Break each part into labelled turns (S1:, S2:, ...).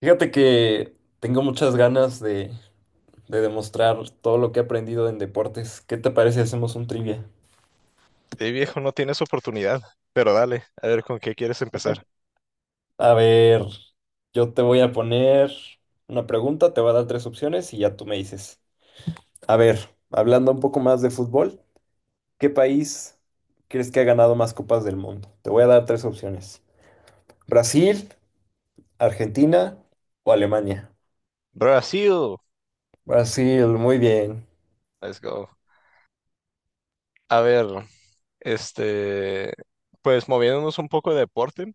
S1: Fíjate que tengo muchas ganas de demostrar todo lo que he aprendido en deportes. ¿Qué te parece si hacemos un trivia?
S2: Viejo, no tienes oportunidad, pero dale, a ver con qué quieres empezar.
S1: A ver, yo te voy a poner una pregunta, te voy a dar tres opciones y ya tú me dices. A ver, hablando un poco más de fútbol, ¿qué país crees que ha ganado más copas del mundo? Te voy a dar tres opciones. ¿Brasil, Argentina o Alemania?
S2: Brasil,
S1: Brasil, muy bien.
S2: let's go. A ver, este, pues moviéndonos un poco de deporte.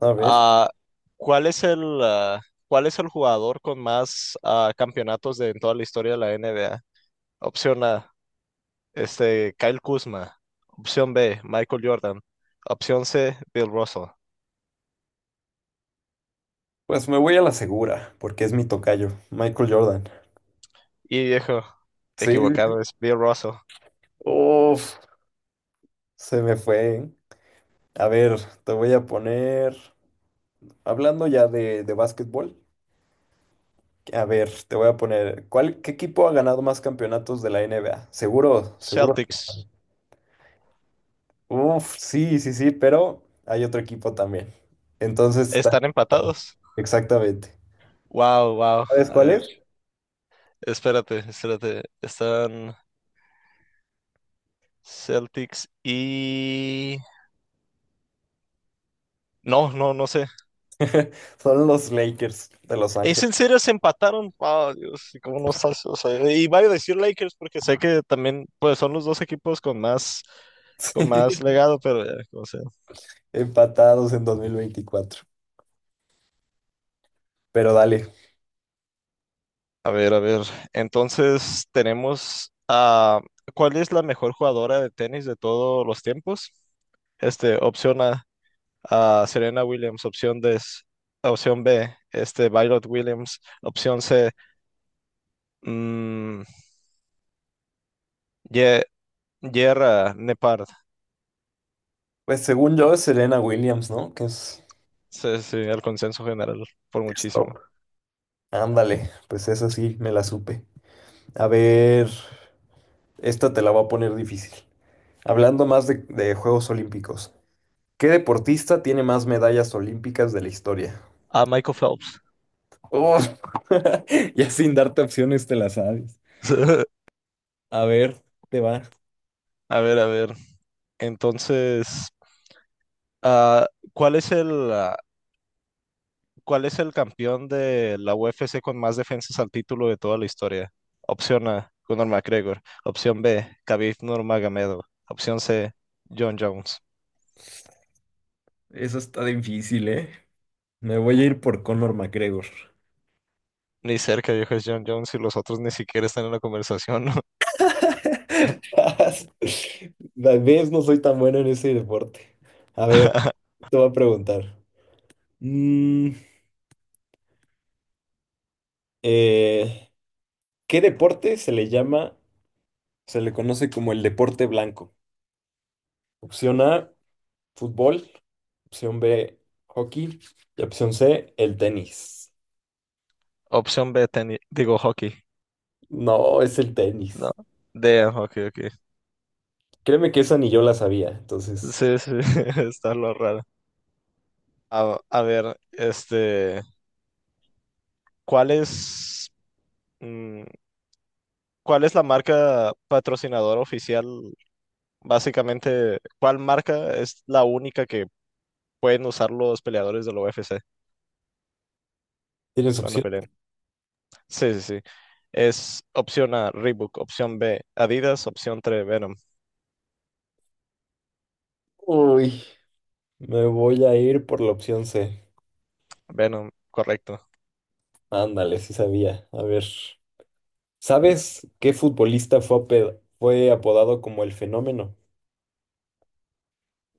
S1: A ver,
S2: ah, ¿Cuál es cuál es el jugador con más campeonatos de, en toda la historia de la NBA? Opción A, Kyle Kuzma. Opción B, Michael Jordan. Opción C, Bill Russell.
S1: pues me voy a la segura, porque es mi tocayo, Michael Jordan.
S2: Y viejo,
S1: Sí,
S2: equivocado, es Bill Russell.
S1: uf, se me fue. A ver, te voy a poner, hablando ya de, básquetbol, a ver, te voy a poner, ¿ qué equipo ha ganado más campeonatos de la NBA? Seguro, seguro.
S2: Celtics,
S1: Uf, sí, sí, sí, pero hay otro equipo también. Entonces,
S2: están empatados.
S1: exactamente.
S2: Wow, wow.
S1: ¿Sabes
S2: A
S1: cuál
S2: ver,
S1: es?
S2: espérate, espérate. Están Celtics y... No, no, no sé.
S1: Son los Lakers de Los
S2: ¿Es
S1: Ángeles.
S2: en serio se empataron? Wow, Dios, ¿y cómo no estás? O sea, y voy a decir Lakers porque sé que también pues son los dos equipos con más legado, pero ya, como sea.
S1: Empatados en 2024. Pero dale.
S2: A ver, a ver. Entonces, tenemos a ¿cuál es la mejor jugadora de tenis de todos los tiempos? Opción A, a Serena Williams, opción D, opción B, Violet Williams, opción C, mm, Ye- Yerra Nepard.
S1: Pues según yo es Serena Williams, ¿no? Que es,
S2: Sí, sí, el consenso general, por
S1: es
S2: muchísimo.
S1: top. Ándale, pues esa sí, me la supe. A ver, esta te la voy a poner difícil. Hablando más de Juegos Olímpicos, ¿qué deportista tiene más medallas olímpicas de la historia?
S2: A Michael Phelps.
S1: Oh, ya sin darte opciones te la sabes. A ver, te va.
S2: A ver, a ver. Entonces, ah, ¿cuál es cuál es el campeón de la UFC con más defensas al título de toda la historia? Opción A, Conor McGregor. Opción B, Khabib Nurmagomedov. Opción C, John Jones.
S1: Eso está difícil, ¿eh? Me voy a ir por Conor McGregor.
S2: Ni cerca, dijo es John Jones y los otros ni siquiera están en la conversación, ¿no?
S1: Tal vez no soy tan bueno en ese deporte. A ver, te voy a preguntar. Mm, eh, ¿Qué deporte se le conoce como el deporte blanco? Opción A, fútbol. Opción B, hockey. Y opción C, el tenis.
S2: Opción B, digo hockey.
S1: No, es el tenis.
S2: No. D, hockey, ok.
S1: Créeme que esa ni yo la sabía. Entonces,
S2: Sí, sí, está lo raro. A ver, ¿cuál es, mm, cuál es la marca patrocinadora oficial? Básicamente, ¿cuál marca es la única que pueden usar los peleadores de la UFC
S1: ¿tienes
S2: cuando
S1: opción?
S2: peleen? Sí, sí, sí. Es opción A, Reebok, opción B, Adidas, opción 3 Venom.
S1: Uy, me voy a ir por la opción C.
S2: Venom, correcto.
S1: Ándale, sí sabía. A ver, ¿sabes qué futbolista fue apodado como el fenómeno?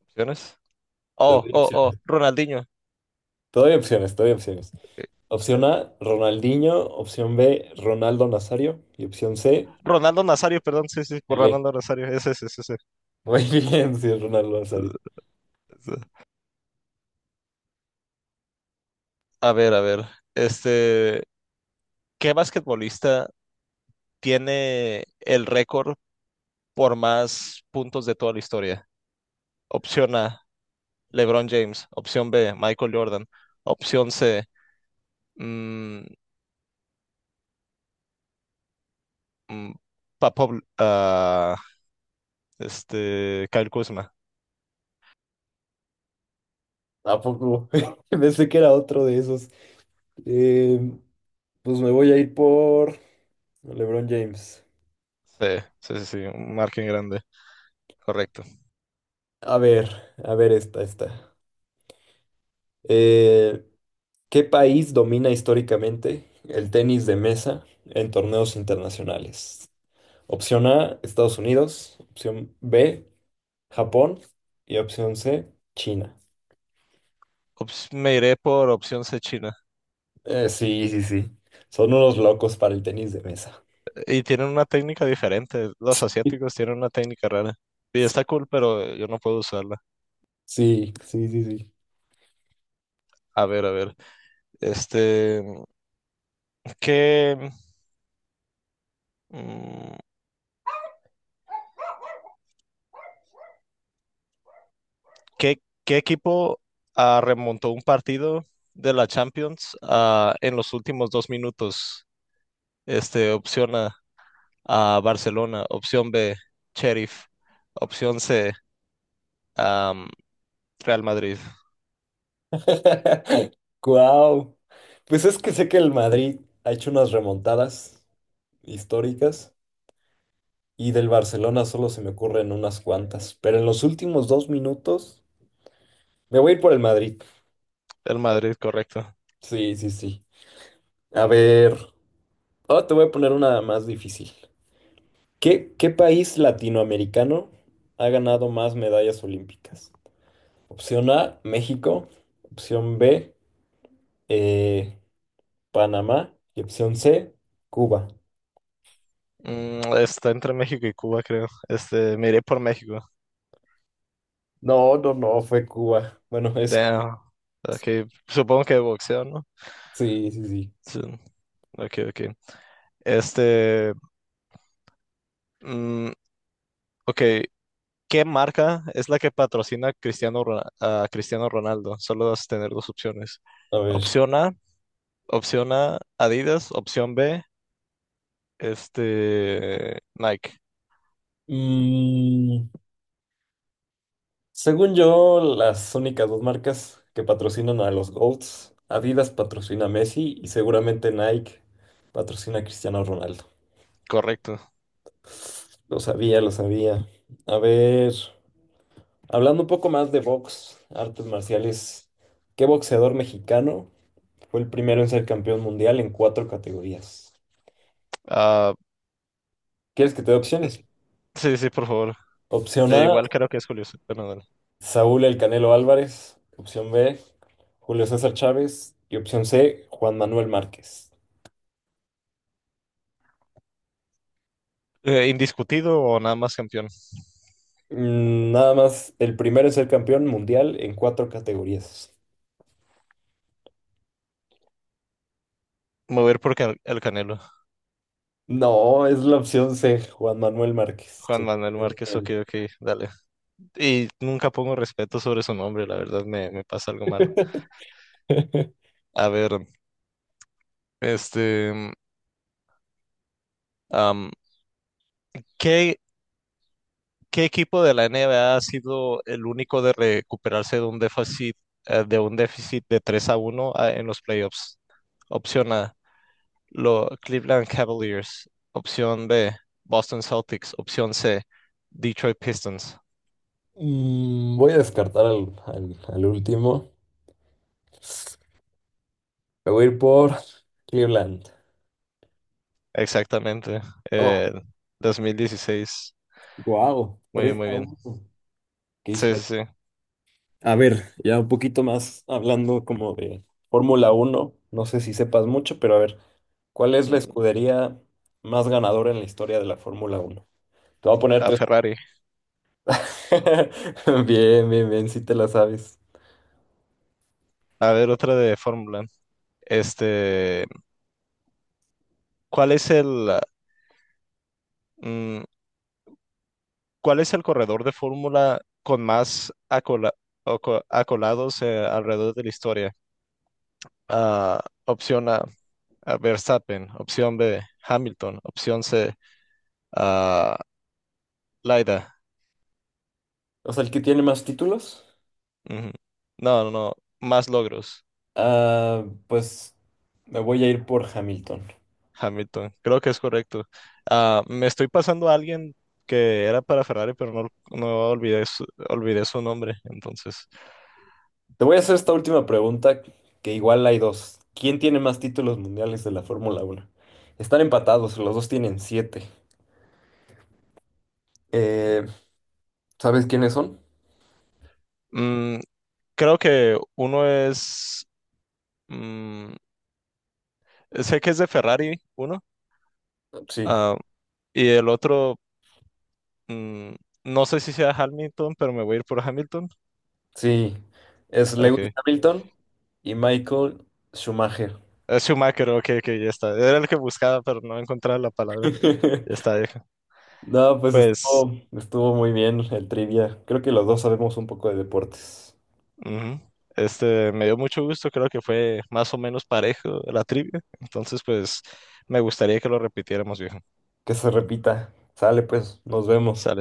S2: Opciones.
S1: Te
S2: Oh,
S1: doy
S2: oh, oh,
S1: opciones.
S2: Ronaldinho.
S1: Te doy opciones, te doy opciones.
S2: Eh,
S1: Opción A, Ronaldinho. Opción B, Ronaldo Nazario. Y opción C,
S2: Ronaldo Nazario, perdón, sí, sí, por
S1: Pelé.
S2: Ronaldo Nazario. Ese, ese, ese, ese.
S1: Muy bien, sí, es Ronaldo Nazario.
S2: A ver, a ver. Este, ¿Qué basquetbolista tiene el récord por más puntos de toda la historia? Opción A, LeBron James. Opción B, Michael Jordan. Opción C, mm, mm, Papo, Kyle Kuzma.
S1: ¿A poco? Pensé que era otro de esos. Eh, pues me voy a ir por LeBron James.
S2: Sí, sí, sí, sí, un margen grande. Correcto.
S1: A ver, a ver esta. Eh, ¿Qué país domina históricamente el tenis de mesa en torneos internacionales? Opción A, Estados Unidos. Opción B, Japón. Y opción C, China.
S2: Me iré por opción C, China.
S1: Sí, sí, sí. Son unos locos para el tenis de mesa.
S2: Y tienen una técnica diferente. Los asiáticos tienen una técnica rara. Y está cool, pero yo no puedo usarla.
S1: Sí, sí, sí, sí.
S2: A ver, a ver. Este, ¿qué, mm, ¿qué equipo remontó un partido de la Champions en los últimos dos minutos? Opción A, Barcelona. Opción B, Sheriff. Opción C, am, Real Madrid.
S1: Wow. Pues es que sé que el Madrid ha hecho unas remontadas históricas y del Barcelona solo se me ocurren unas cuantas. Pero en los últimos 2 minutos me voy a ir por el Madrid.
S2: El Madrid, correcto.
S1: Sí, sí, sí. A ver. Ahora te voy a poner una más difícil. ¿Qué país latinoamericano ha ganado más medallas olímpicas? Opción A, México. Opción B, eh, Panamá. Y opción C, Cuba.
S2: Está entre México y Cuba, creo. Me iré por México.
S1: No, no, no, fue Cuba. Bueno,
S2: Damn. Ok, supongo que de boxeo, ¿no?
S1: sí, sí, sí.
S2: Sí. Ok, ok. Este, mm, ok, ¿qué marca es la que patrocina a Cristiano Ronaldo? Solo vas a tener dos opciones.
S1: A ver.
S2: Opción A, opción A, Adidas, opción B, Nike.
S1: Mm, según yo, las únicas dos marcas que patrocinan a los GOATs, Adidas patrocina a Messi y seguramente Nike patrocina a Cristiano Ronaldo.
S2: Correcto.
S1: Lo sabía, lo sabía. A ver, hablando un poco más de box, artes marciales, ¿qué boxeador mexicano? Fue el primero en ser campeón mundial en cuatro categorías.
S2: Ah,
S1: ¿Quieres que te dé opciones?
S2: sí, sí, por favor.
S1: Opción A,
S2: Igual creo que es bueno, dale.
S1: Saúl El Canelo Álvarez. Opción B, Julio César Chávez. Y opción C, Juan Manuel Márquez.
S2: ¿Indiscutido o nada más campeón?
S1: Nada más, el primero en ser campeón mundial en cuatro categorías.
S2: Mover por el Canelo.
S1: No, es la opción C, Juan Manuel Márquez,
S2: Juan Manuel Márquez, ok,
S1: sorprendentemente.
S2: ok, dale. Y nunca pongo respeto sobre su nombre, la verdad me pasa algo malo. A ver, este, mm, am, ¿qué, ¿qué equipo de la NBA ha sido el único de recuperarse de un déficit, de un déficit de 3 a uno en los playoffs? Opción A, Cleveland Cavaliers. Opción B, Boston Celtics. Opción C, Detroit Pistons.
S1: Voy a descartar al, al último. Me voy a ir por Cleveland.
S2: Exactamente,
S1: Oh,
S2: eh, 2016.
S1: wow,
S2: Muy bien,
S1: 3
S2: muy
S1: a
S2: bien.
S1: uno.
S2: Sí, sí, sí.
S1: A ver, ya un poquito más hablando como de Fórmula Uno, no sé si sepas mucho, pero a ver, ¿cuál es la
S2: Mm,
S1: escudería más ganadora en la historia de la Fórmula Uno? Te voy a poner
S2: a
S1: tres.
S2: Ferrari.
S1: Bien, bien, bien, si te la sabes.
S2: A ver, otra de Fórmula. Este, ¿Cuál es mm, cuál es el corredor de Fórmula con más acolados alrededor de la historia? Opción A, Verstappen. Opción B, Hamilton. Opción C, ah, Laida.
S1: O sea, el que tiene más títulos,
S2: Ujú. No, no, no. Más logros.
S1: pues me voy a ir por Hamilton.
S2: Hamilton, creo que es correcto. Ah, me estoy pasando a alguien que era para Ferrari, pero no, no olvidé su, olvidé su nombre. Entonces,
S1: Te voy a hacer esta última pregunta, que igual hay dos. ¿Quién tiene más títulos mundiales de la Fórmula Uno? Están empatados, los dos tienen siete. Eh, ¿Sabes quiénes son?
S2: mm, creo que uno es, mm, sé que es de Ferrari, uno,
S1: Sí.
S2: ah, y el otro, mm, no sé si sea Hamilton, pero me voy a ir por Hamilton.
S1: Sí, es Lewis
S2: Ok.
S1: Hamilton y Michael Schumacher.
S2: Es Schumacher, ok, ok, ya está. Era el que buscaba, pero no encontraba la palabra. Ya está, viejo.
S1: No, pues
S2: Pues,
S1: estuvo muy bien el trivia. Creo que los dos sabemos un poco de deportes.
S2: ujú, este, me dio mucho gusto, creo que fue más o menos parejo la trivia. Entonces, pues, me gustaría que lo repitiéramos, viejo.
S1: Que se repita. Sale, pues, nos vemos.
S2: Sale.